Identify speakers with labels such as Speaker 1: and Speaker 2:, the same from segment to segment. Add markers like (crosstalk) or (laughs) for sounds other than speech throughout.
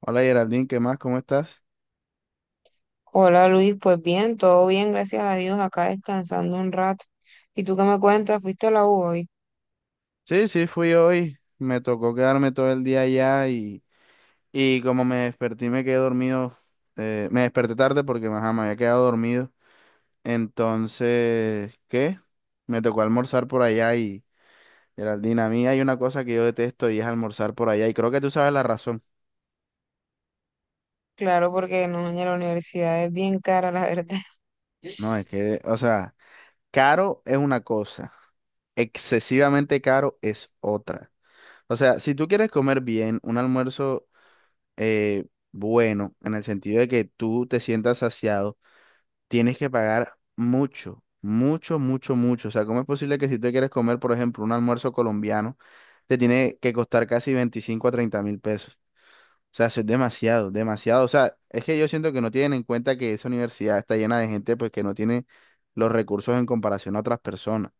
Speaker 1: Hola, Geraldine, ¿qué más? ¿Cómo estás?
Speaker 2: Hola Luis, pues bien, todo bien, gracias a Dios, acá descansando un rato. ¿Y tú qué me cuentas? ¿Fuiste a la U hoy?
Speaker 1: Sí, sí, fui hoy. Me tocó quedarme todo el día allá y como me desperté y me quedé dormido, me desperté tarde porque ajá, me había quedado dormido. Entonces, ¿qué? Me tocó almorzar por allá y, Geraldine, a mí hay una cosa que yo detesto y es almorzar por allá y creo que tú sabes la razón.
Speaker 2: Claro, porque no, en la universidad es bien cara, la (laughs) verdad.
Speaker 1: No, es que, o sea, caro es una cosa, excesivamente caro es otra. O sea, si tú quieres comer bien, un almuerzo, eh, bueno, en el sentido de que tú te sientas saciado, tienes que pagar mucho, mucho, mucho, mucho. O sea, ¿cómo es posible que si tú quieres comer, por ejemplo, un almuerzo colombiano, te tiene que costar casi 25 a 30 mil pesos? O sea, eso es demasiado, demasiado. O sea, es que yo siento que no tienen en cuenta que esa universidad está llena de gente pues que no tiene los recursos en comparación a otras personas.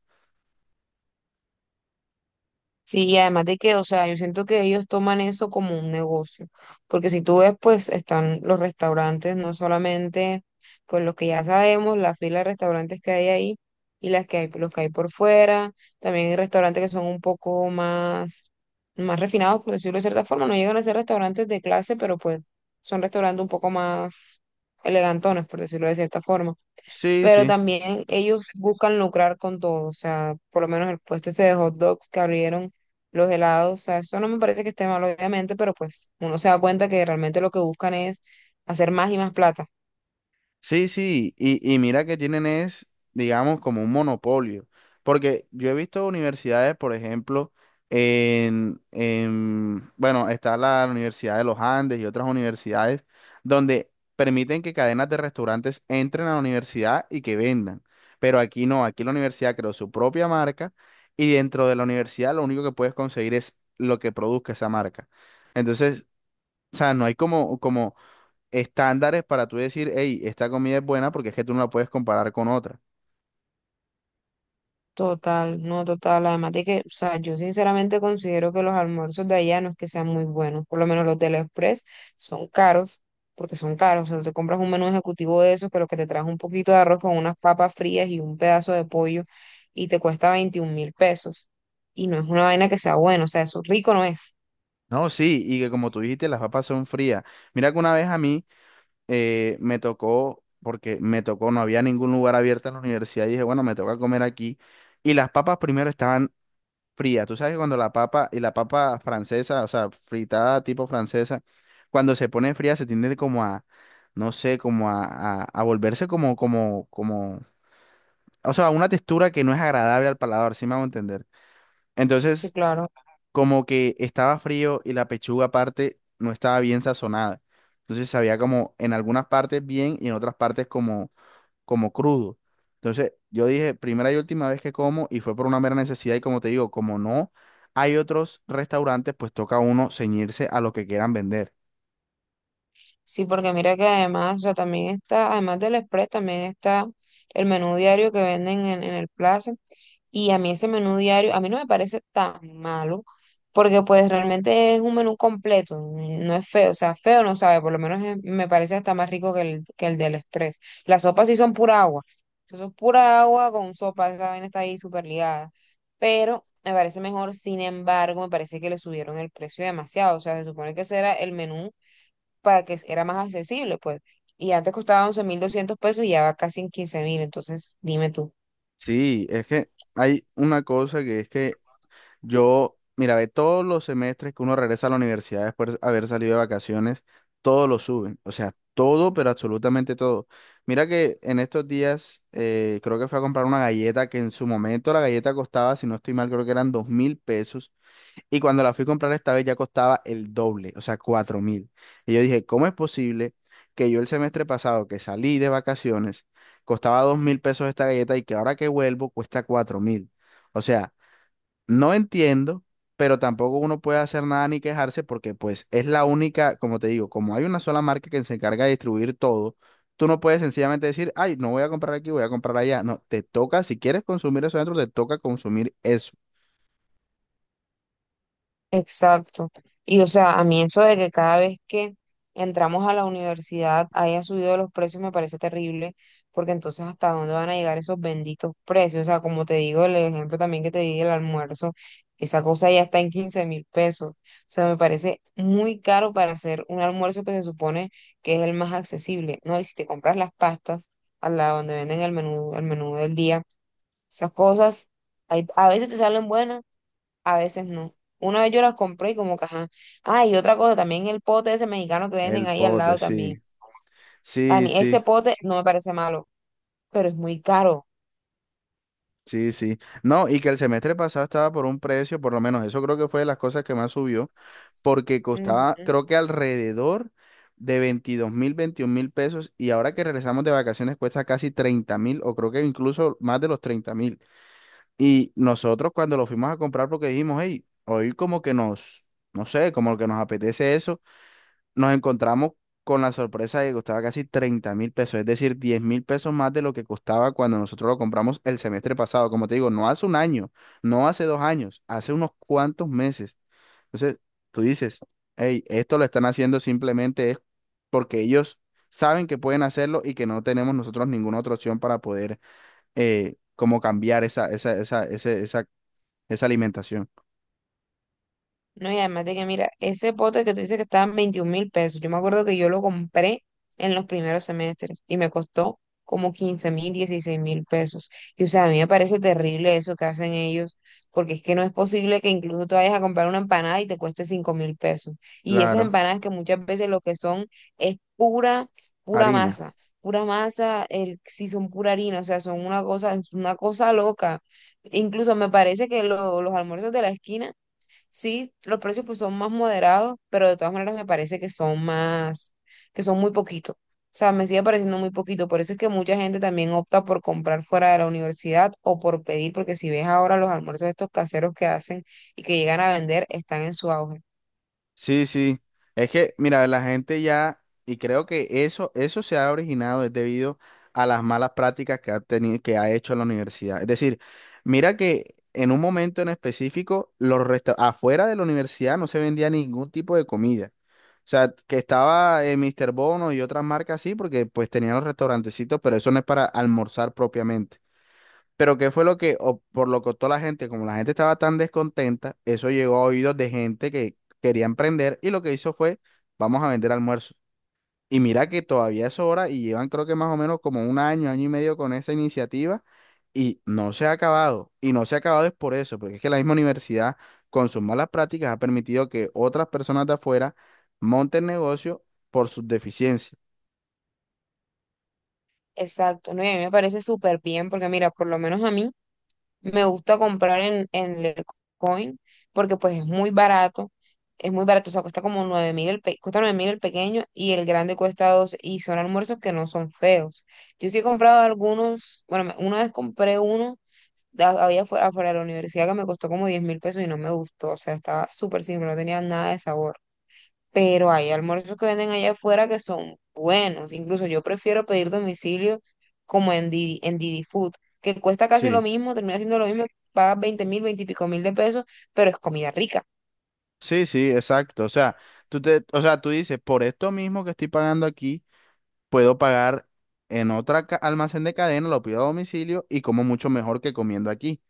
Speaker 2: Sí, y además de que, o sea, yo siento que ellos toman eso como un negocio, porque si tú ves, pues están los restaurantes, no solamente, pues los que ya sabemos, la fila de restaurantes que hay ahí y las que hay, los que hay por fuera, también hay restaurantes que son un poco más refinados, por decirlo de cierta forma, no llegan a ser restaurantes de clase, pero pues son restaurantes un poco más elegantones, por decirlo de cierta forma.
Speaker 1: Sí,
Speaker 2: Pero
Speaker 1: sí.
Speaker 2: también ellos buscan lucrar con todo, o sea, por lo menos el puesto ese de hot dogs que abrieron los helados, o sea, eso no me parece que esté mal, obviamente, pero pues uno se da cuenta que realmente lo que buscan es hacer más y más plata.
Speaker 1: Sí, sí, y mira que tienen es, digamos, como un monopolio, porque yo he visto universidades, por ejemplo, en, bueno, está la Universidad de los Andes y otras universidades donde permiten que cadenas de restaurantes entren a la universidad y que vendan, pero aquí no, aquí la universidad creó su propia marca y dentro de la universidad lo único que puedes conseguir es lo que produzca esa marca. Entonces, o sea, no hay como, estándares para tú decir, hey, esta comida es buena porque es que tú no la puedes comparar con otra.
Speaker 2: Total, no total. Además de que, o sea, yo sinceramente considero que los almuerzos de allá no es que sean muy buenos. Por lo menos los del Express son caros, porque son caros. O sea, tú te compras un menú ejecutivo de esos que lo que te trae un poquito de arroz con unas papas frías y un pedazo de pollo y te cuesta 21.000 pesos. Y no es una vaina que sea buena, o sea, eso rico no es.
Speaker 1: No, sí, y que como tú dijiste, las papas son frías. Mira que una vez a mí, me tocó, porque me tocó, no había ningún lugar abierto en la universidad y dije, bueno, me toca comer aquí. Y las papas primero estaban frías. Tú sabes que cuando la papa, y la papa francesa, o sea, fritada tipo francesa, cuando se pone fría se tiende como a, no sé, como a volverse como, o sea, una textura que no es agradable al paladar, ¿sí me hago entender?
Speaker 2: Sí,
Speaker 1: Entonces,
Speaker 2: claro.
Speaker 1: como que estaba frío y la pechuga aparte no estaba bien sazonada. Entonces sabía como en algunas partes bien y en otras partes como crudo. Entonces yo dije, primera y última vez que como y fue por una mera necesidad y como te digo, como no hay otros restaurantes, pues toca a uno ceñirse a lo que quieran vender.
Speaker 2: Sí, porque mira que además, o sea, también está, además del Express, también está el menú diario que venden en el Plaza. Y a mí ese menú diario, a mí no me parece tan malo, porque pues realmente es un menú completo, no es feo, o sea, feo no sabe, por lo menos me parece hasta más rico que el del Express. Las sopas sí son pura agua, eso es pura agua con sopa, esa vaina está ahí súper ligada, pero me parece mejor. Sin embargo, me parece que le subieron el precio demasiado. O sea, se supone que ese era el menú para que era más accesible, pues, y antes costaba 11.200 pesos y ya va casi en 15.000, entonces dime tú.
Speaker 1: Sí, es que hay una cosa que es que yo, mira, ve, todos los semestres que uno regresa a la universidad después de haber salido de vacaciones, todo lo suben. O sea, todo, pero absolutamente todo. Mira que en estos días, creo que fui a comprar una galleta que en su momento la galleta costaba, si no estoy mal, creo que eran 2.000 pesos. Y cuando la fui a comprar esta vez ya costaba el doble, o sea, 4.000. Y yo dije, ¿cómo es posible que yo el semestre pasado que salí de vacaciones costaba 2.000 pesos esta galleta y que ahora que vuelvo cuesta 4.000? O sea, no entiendo, pero tampoco uno puede hacer nada ni quejarse porque pues es la única, como te digo, como hay una sola marca que se encarga de distribuir todo, tú no puedes sencillamente decir, ay, no voy a comprar aquí, voy a comprar allá. No, te toca, si quieres consumir eso adentro, te toca consumir eso.
Speaker 2: Exacto. Y o sea, a mí eso de que cada vez que entramos a la universidad haya subido los precios me parece terrible, porque entonces hasta dónde van a llegar esos benditos precios. O sea, como te digo, el ejemplo también que te di del almuerzo, esa cosa ya está en 15.000 pesos. O sea, me parece muy caro para hacer un almuerzo que se supone que es el más accesible, ¿no? Y si te compras las pastas a la donde venden el menú del día, esas cosas, a veces te salen buenas, a veces no. Una vez yo las compré y como que, ajá. Ah, y otra cosa, también el pote ese mexicano que venden
Speaker 1: El
Speaker 2: ahí al
Speaker 1: pote,
Speaker 2: lado también.
Speaker 1: sí.
Speaker 2: A
Speaker 1: Sí,
Speaker 2: mí ese
Speaker 1: sí,
Speaker 2: pote no me parece malo, pero es muy caro.
Speaker 1: sí, sí. No, y que el semestre pasado estaba por un precio, por lo menos eso creo que fue de las cosas que más subió, porque costaba, creo que alrededor de 22.000, 21.000 pesos, y ahora que regresamos de vacaciones cuesta casi 30.000, o creo que incluso más de los 30.000. Y nosotros cuando lo fuimos a comprar, porque dijimos, hey, hoy como que nos, no sé, como que nos apetece eso, nos encontramos con la sorpresa de que costaba casi 30.000 pesos, es decir, 10.000 pesos más de lo que costaba cuando nosotros lo compramos el semestre pasado. Como te digo, no hace un año, no hace 2 años, hace unos cuantos meses. Entonces, tú dices, hey, esto lo están haciendo simplemente es porque ellos saben que pueden hacerlo y que no tenemos nosotros ninguna otra opción para poder, como cambiar esa alimentación.
Speaker 2: No, y además de que, mira, ese pote que tú dices que estaba en 21 mil pesos, yo me acuerdo que yo lo compré en los primeros semestres y me costó como 15.000, 16.000 pesos. Y o sea, a mí me parece terrible eso que hacen ellos, porque es que no es posible que incluso tú vayas a comprar una empanada y te cueste 5.000 pesos. Y esas
Speaker 1: Claro,
Speaker 2: empanadas que muchas veces lo que son es pura, pura
Speaker 1: harina.
Speaker 2: masa, pura masa, el, si son pura harina, o sea, son una cosa, es una cosa loca. Incluso me parece que los almuerzos de la esquina. Sí, los precios pues son más moderados, pero de todas maneras me parece que son que son muy poquito. O sea, me sigue pareciendo muy poquito. Por eso es que mucha gente también opta por comprar fuera de la universidad o por pedir, porque si ves ahora los almuerzos estos caseros que hacen y que llegan a vender, están en su auge.
Speaker 1: Sí, sí. Es que, mira, la gente ya, y creo que eso se ha originado es debido a las malas prácticas que ha tenido, que ha hecho la universidad. Es decir, mira que en un momento en específico, afuera de la universidad no se vendía ningún tipo de comida. O sea, que estaba, Mr. Bono y otras marcas así, porque pues tenían los restaurantecitos, pero eso no es para almorzar propiamente. Pero qué fue lo que, o por lo que optó la gente, como la gente estaba tan descontenta, eso llegó a oídos de gente que quería emprender y lo que hizo fue, vamos a vender almuerzos. Y mira que todavía es hora y llevan creo que más o menos como un año, año y medio con esa iniciativa y no se ha acabado. Y no se ha acabado es por eso, porque es que la misma universidad con sus malas prácticas ha permitido que otras personas de afuera monten negocio por sus deficiencias.
Speaker 2: Exacto, no, y a mí me parece súper bien, porque mira, por lo menos a mí me gusta comprar en Lecoin porque pues es muy barato. Es muy barato, o sea, cuesta como 9.000 cuesta 9.000 el pequeño y el grande cuesta 12 y son almuerzos que no son feos. Yo sí he comprado algunos, bueno, una vez compré uno había afuera, afuera de la universidad que me costó como 10.000 pesos y no me gustó, o sea, estaba súper simple, no tenía nada de sabor. Pero hay almuerzos que venden allá afuera que son buenos. Incluso yo prefiero pedir domicilio como en Didi Food, que cuesta casi lo
Speaker 1: Sí,
Speaker 2: mismo, termina siendo lo mismo, pagas 20 y pico mil de pesos, pero es comida rica.
Speaker 1: sí, sí, exacto. O sea, o sea, tú dices, por esto mismo que estoy pagando aquí puedo pagar en almacén de cadena, lo pido a domicilio y como mucho mejor que comiendo aquí.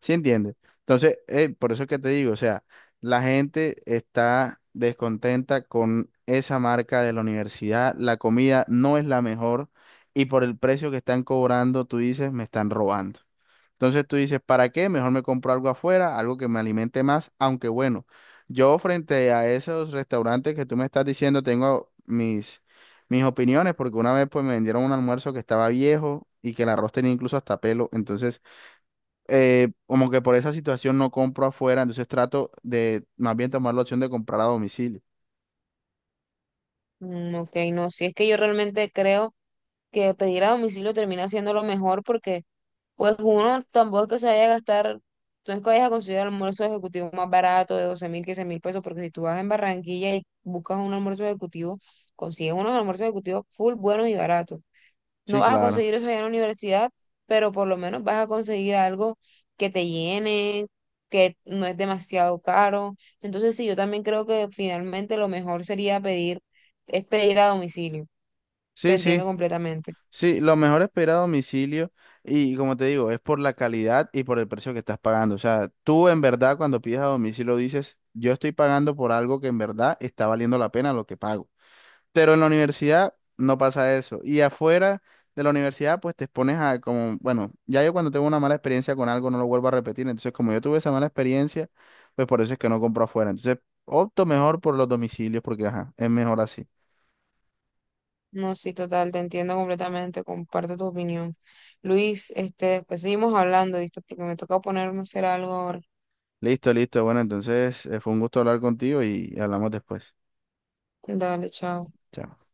Speaker 1: ¿Sí entiendes? Entonces, por eso es que te digo, o sea, la gente está descontenta con esa marca de la universidad, la comida no es la mejor y por el precio que están cobrando, tú dices, me están robando. Entonces tú dices, ¿para qué? Mejor me compro algo afuera, algo que me alimente más, aunque bueno, yo frente a esos restaurantes que tú me estás diciendo, tengo mis opiniones, porque una vez pues me vendieron un almuerzo que estaba viejo y que el arroz tenía incluso hasta pelo, entonces, como que por esa situación no compro afuera, entonces trato de más bien tomar la opción de comprar a domicilio.
Speaker 2: Mm, ok, no, si es que yo realmente creo que pedir a domicilio termina siendo lo mejor porque pues uno tampoco es que se vaya a gastar, no es que vayas a conseguir el almuerzo ejecutivo más barato de 12.000, 15.000 pesos, porque si tú vas en Barranquilla y buscas un almuerzo ejecutivo, consigues unos almuerzos ejecutivos full buenos y baratos. No
Speaker 1: Sí,
Speaker 2: vas a
Speaker 1: claro.
Speaker 2: conseguir eso allá en la universidad, pero por lo menos vas a conseguir algo que te llene, que no es demasiado caro. Entonces, sí, yo también creo que finalmente lo mejor sería pedir, es pedir a domicilio. Te
Speaker 1: Sí,
Speaker 2: entiendo
Speaker 1: sí.
Speaker 2: completamente.
Speaker 1: Sí, lo mejor es pedir a domicilio y como te digo, es por la calidad y por el precio que estás pagando. O sea, tú en verdad cuando pides a domicilio dices, yo estoy pagando por algo que en verdad está valiendo la pena lo que pago. Pero en la universidad no pasa eso. Y afuera de la universidad pues te expones a como, bueno, ya yo cuando tengo una mala experiencia con algo no lo vuelvo a repetir. Entonces como yo tuve esa mala experiencia, pues por eso es que no compro afuera. Entonces opto mejor por los domicilios porque, ajá, es mejor así.
Speaker 2: No, sí, total, te entiendo completamente, comparto tu opinión. Luis, este, después seguimos hablando, ¿viste? Porque me toca ponerme a hacer algo ahora.
Speaker 1: Listo, listo. Bueno, entonces, fue un gusto hablar contigo y hablamos después.
Speaker 2: Dale, chao.
Speaker 1: Chao.